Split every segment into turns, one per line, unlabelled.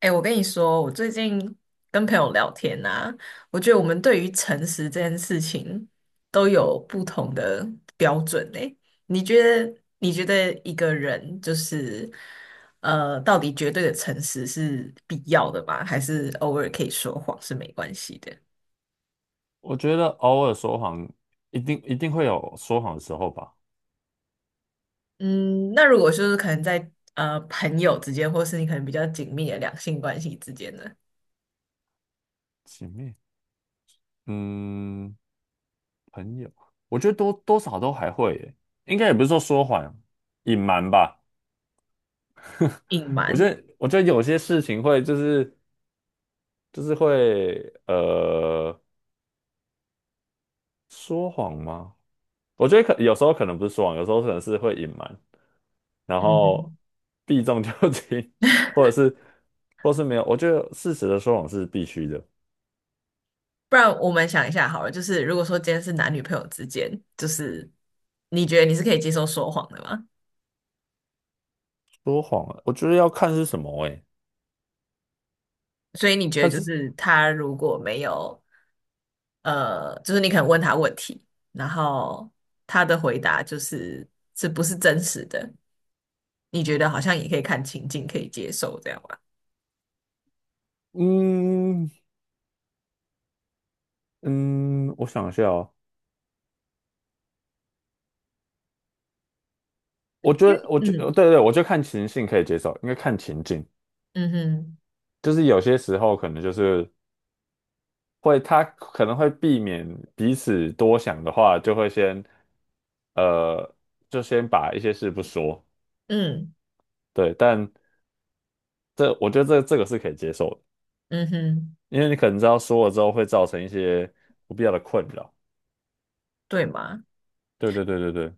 哎，我跟你说，我最近跟朋友聊天啊，我觉得我们对于诚实这件事情都有不同的标准诶。你觉得一个人到底绝对的诚实是必要的吗？还是偶尔可以说谎是没关系的？
我觉得偶尔说谎，一定会有说谎的时候吧。
嗯，那如果就是可能在朋友之间，或是你可能比较紧密的两性关系之间呢，
前面嗯，朋友，我觉得多多少都还会耶，应该也不是说说谎，隐瞒吧。
隐
我觉
瞒，
得，我觉得有些事情会就是会呃说谎吗？我觉得可有时候可能不是说谎，有时候可能是会隐瞒，然
嗯
后
哼。
避重就轻，或者是没有。我觉得事实的说谎是必须的。
不然我们想一下好了，就是如果说今天是男女朋友之间，就是你觉得你是可以接受说谎的吗？
说谎啊，我觉得要看是什么诶。
所以你觉得
但
就
是
是他如果没有，呃，就是你可能问他问题，然后他的回答就是是不是真实的，你觉得好像也可以看情境可以接受这样吧？
嗯嗯，我想一下哦，我觉得，
嗯
对对，我就看情境可以接受，因为看情境，
嗯哼，
就是有些时候可能就是会，他可能会避免彼此多想的话，就会先，呃，就先把一些事不说，
嗯
对，但我觉得这个是可以接受的，
嗯哼，
因为你可能知道说了之后会造成一些不必要的困扰，
对吗？
对对对对对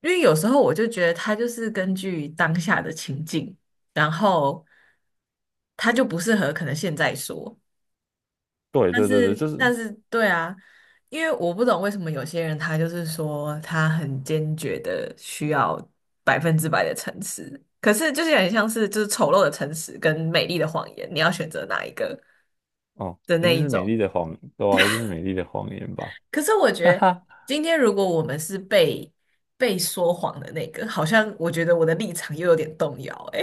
因为有时候我就觉得他就是根据当下的情境，然后他就不适合可能现在说，
对
但
对对对，
是
就是
但是对啊，因为我不懂为什么有些人他就是说他很坚决的需要百分之百的诚实，可是就是很像是就是丑陋的诚实跟美丽的谎言，你要选择哪一个
哦，
的
一
那
定
一
是美丽
种。
的谎，对啊，一定是美丽的谎言吧。
可是我 觉
哈
得，
哈。
今天如果我们是被说谎的那个，好像我觉得我的立场又有点动摇。哎，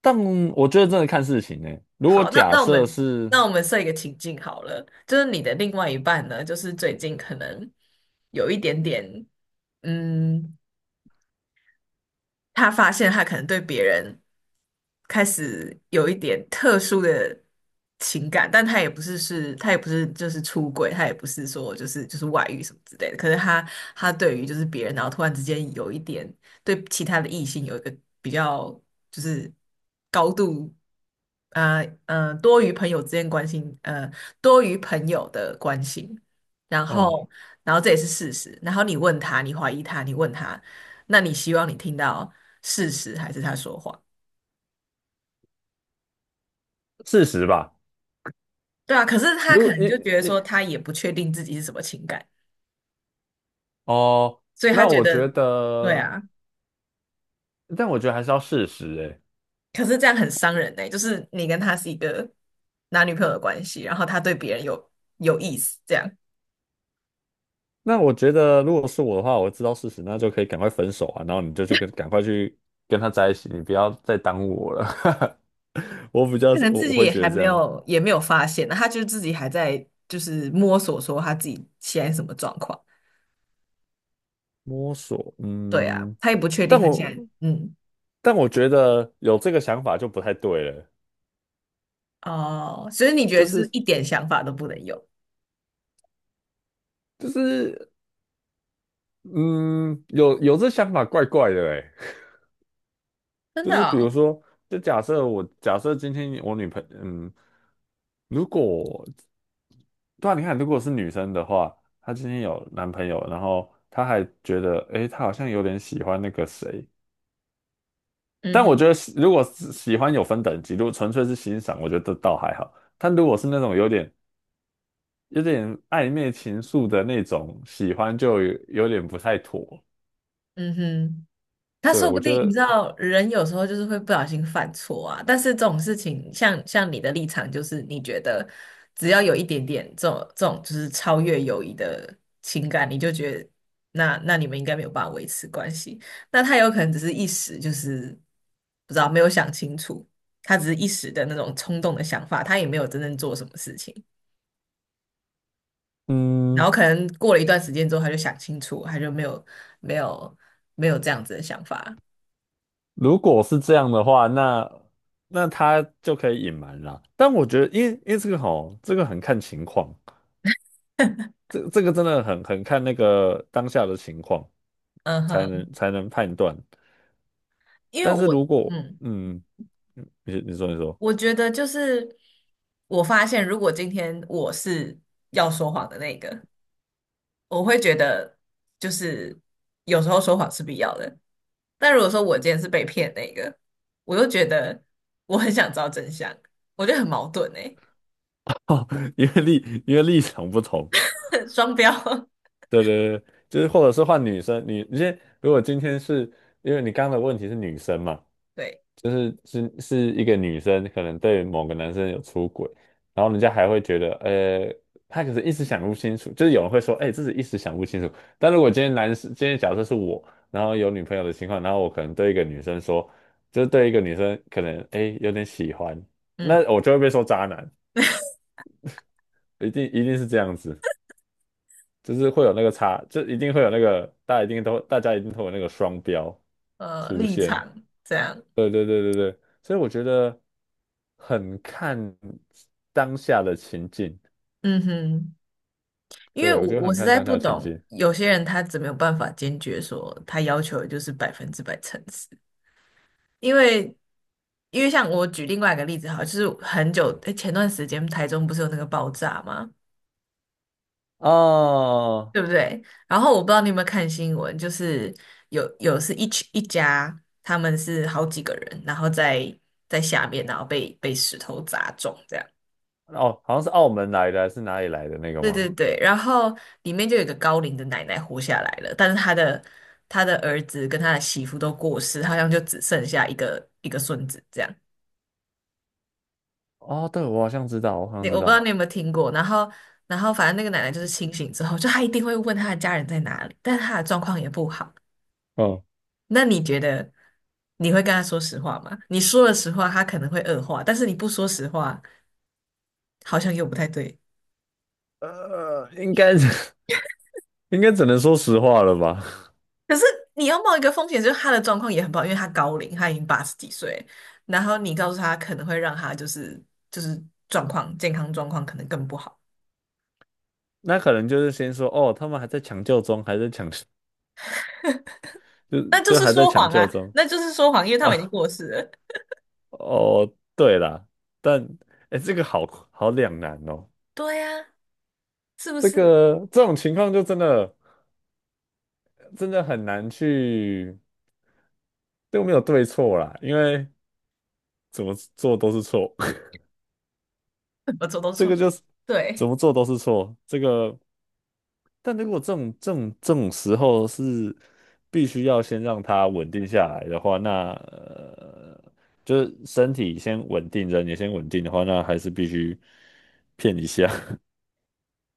但我觉得真的看事情呢、如果
好，那
假
那我
设
们
是
那我们设一个情境好了，就是你的另外一半呢，就是最近可能有一点点，嗯，他发现他可能对别人开始有一点特殊的情感，但他也不是是，他也不是就是出轨，他也不是说就是外遇什么之类的。可是他对于就是别人，然后突然之间有一点对其他的异性有一个比较就是高度。多于朋友之间关心，多于朋友的关心，然
嗯，
后，然后这也是事实。然后你问他，你怀疑他，你问他，那你希望你听到事实还是他说谎？
事实吧，
对啊，可是他
如
可
果
能
一
就觉得
一
说他也不确定自己是什么情感，
哦，
所以他
那
觉
我
得，
觉
对
得，
啊，
但我觉得还是要事实哎、
可是这样很伤人呢、就是你跟他是一个男女朋友的关系，然后他对别人有有意思，这样
那我觉得，如果是我的话，我知道事实，那就可以赶快分手啊，然后你就去跟赶快去跟他在一起，你不要再耽误我了。我比较
可
是
能
我
自
我
己
会
也
觉
还
得这
没
样
有也没有发现呢，他就自己还在就是摸索说他自己现在什么状况，
摸索，
对啊，
嗯，
他也不确定
但
他现
我
在嗯
但我觉得有这个想法就不太对了，
哦，所以你觉得
就
就是
是
一点想法都不能有，
就是嗯，有这想法怪怪的哎，
真
就
的
是比如
哦
说，就假设我假设今天我女朋嗯，如果对啊，你看，如果是女生的话，她今天有男朋友，然后她还觉得，诶，她好像有点喜欢那个谁。
嗯
但我
哼，
觉得喜如果是喜欢有分等级，如果纯粹是欣赏，我觉得倒还好。但如果是那种有点暧昧情愫的那种喜欢，就有有点不太妥。
嗯哼。他
对，
说不
我觉
定你
得，
知道，人有时候就是会不小心犯错啊。但是这种事情，像你的立场，就是你觉得只要有一点点这种就是超越友谊的情感，你就觉得那你们应该没有办法维持关系。那他有可能只是一时就是不知道没有想清楚，他只是一时的那种冲动的想法，他也没有真正做什么事情。然
嗯。
后可能过了一段时间之后，他就想清楚，他就没有没有这样子的想法。
如果是这样的话，那那他就可以隐瞒啦。但我觉得，因为这个吼，这个很看情况，这个真的很看那个当下的情况，
嗯
才
哼。
能才能判断。
因为
但是
我，
如果
嗯，
嗯，你说，
我觉得就是我发现，如果今天我是要说谎的那个，我会觉得就是有时候说谎是必要的。但如果说我今天是被骗那个，我又觉得我很想知道真相，我觉得很矛盾诶，
哦，因为立因为立场不同，
双标。
对对对，就是或者是换女生，你你先，如果今天是因为你刚刚的问题是女生嘛，
对，
就是是一个女生可能对某个男生有出轨，然后人家还会觉得，她可是一时想不清楚，就是有人会说，哎、自己一时想不清楚。但如果今天男生，今天假设是我，然后有女朋友的情况，然后我可能对一个女生说，就是对一个女生可能，哎、有点喜欢，那
嗯，
我就会被说渣男，一定是这样子。就是会有那个差，就一定会有那个，大家一定都，大家一定会有那个双标出
立
现。
场这样，
对对对对对，所以我觉得很看当下的情境，
嗯哼，因为
对，我
我
觉得
我
很
实
看
在
当
不
下情
懂，
境。
有些人他怎么有办法坚决说他要求的就是百分之百诚实。因为因为像我举另外一个例子好了就是很久，诶前段时间台中不是有那个爆炸吗？
哦
对不对？然后我不知道你有没有看新闻，就是有是一群一家，他们是好几个人，然后在下面，然后被石头砸中这样。
哦，好像是澳门来的还是哪里来的那个
对对
吗？
对，然后里面就有一个高龄的奶奶活下来了，但是她的儿子跟她的媳妇都过世，好像就只剩下一个孙子这样。
哦，对，我好像知道，我好
你
像知
我不知道你
道。
有没有听过，然后反正那个奶奶就是清醒之后，就她一定会问她的家人在哪里，但她的状况也不好。
嗯，
那你觉得你会跟她说实话吗？你说了实话，她可能会恶化，但是你不说实话，好像又不太对。
呃，应该是 应该只能说实话了吧？
可是你要冒一个风险，就是她的状况也很不好，因为她高龄，她已经八十几岁，然后你告诉她可能会让她就是状况健康状况可能更不好，
那可能就是先说，哦，他们还在抢救中，还在抢，就
那就
就
是
还在
说
抢
谎
救
啊，
中。
那就是说谎，因为他
啊，
们已经过世了。
哦，对啦，但哎，这个好好两难哦。
对呀、是不
这
是？
个这种情况就真的真的很难去，都没有对错啦，因为怎么做都是错，
我做都
这个
错，
就是怎
对
么做都是错。这个，但如果这种时候是必须要先让它稳定下来的话，那呃，就是身体先稳定，人也先稳定的话，那还是必须骗一下。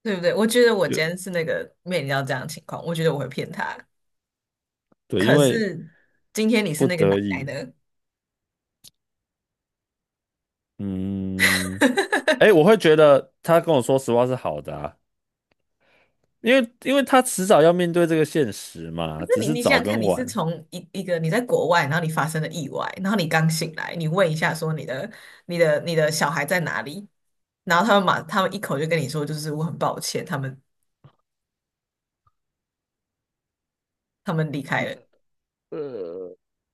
对不对？我觉得 我
就
今天是那个面临到这样的情况，我觉得我会骗他。
对，因
可
为
是今天你是
不
那个
得
奶奶
已，
的，可
嗯，哎，我会觉得他跟我说实话是好的啊，因为他迟早要面对这个现实
是
嘛，只
你
是
你想
早
想看，
跟
你是
晚。
从一个你在国外，然后你发生了意外，然后你刚醒来，你问一下说你的小孩在哪里，然后他们一口就跟你说，就是我很抱歉，他们离开了，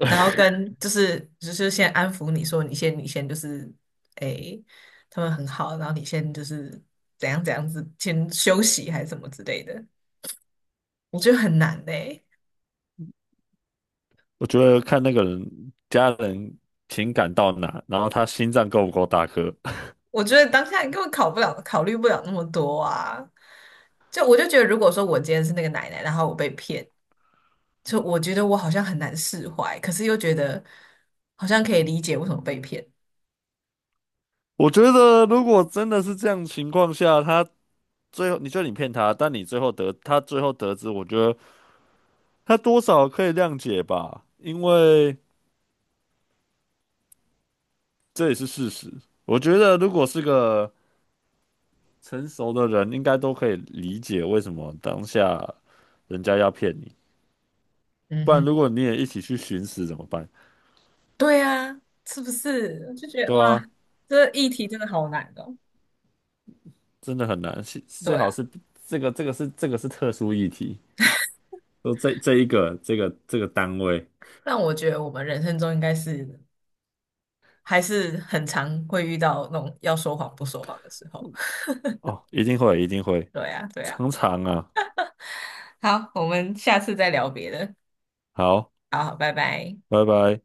然后跟就是先安抚你说你先就是诶，他们很好，然后你先就是怎样怎样子先休息还是什么之类的，我觉得很难嘞、
我觉得看那个人家人情感到哪，然后他心脏够不够大颗。
我觉得当下你根本考不了，考虑不了那么多啊。就我就觉得，如果说我今天是那个奶奶，然后我被骗，就我觉得我好像很难释怀，可是又觉得好像可以理解为什么被骗。
我觉得如果真的是这样情况下，他最后你觉得你骗他，但你最后得他最后得知，我觉得他多少可以谅解吧，因为这也是事实。我觉得如果是个成熟的人应该都可以理解为什么当下人家要骗你，
嗯
不然
哼，
如果你也一起去寻死怎么办？
对啊，是不是？我就觉得
对
哇，
啊，
这议题真的好难哦。
真的很难，是最
对
好
啊。
是这个这个是这个是特殊议题，说这这一个这个这个单位
但我觉得我们人生中应该是还是很常会遇到那种要说谎不说谎的时候。
哦，一定会，
对呀，对呀。
常常啊，
好，我们下次再聊别的。
好，
好，拜拜。
拜拜。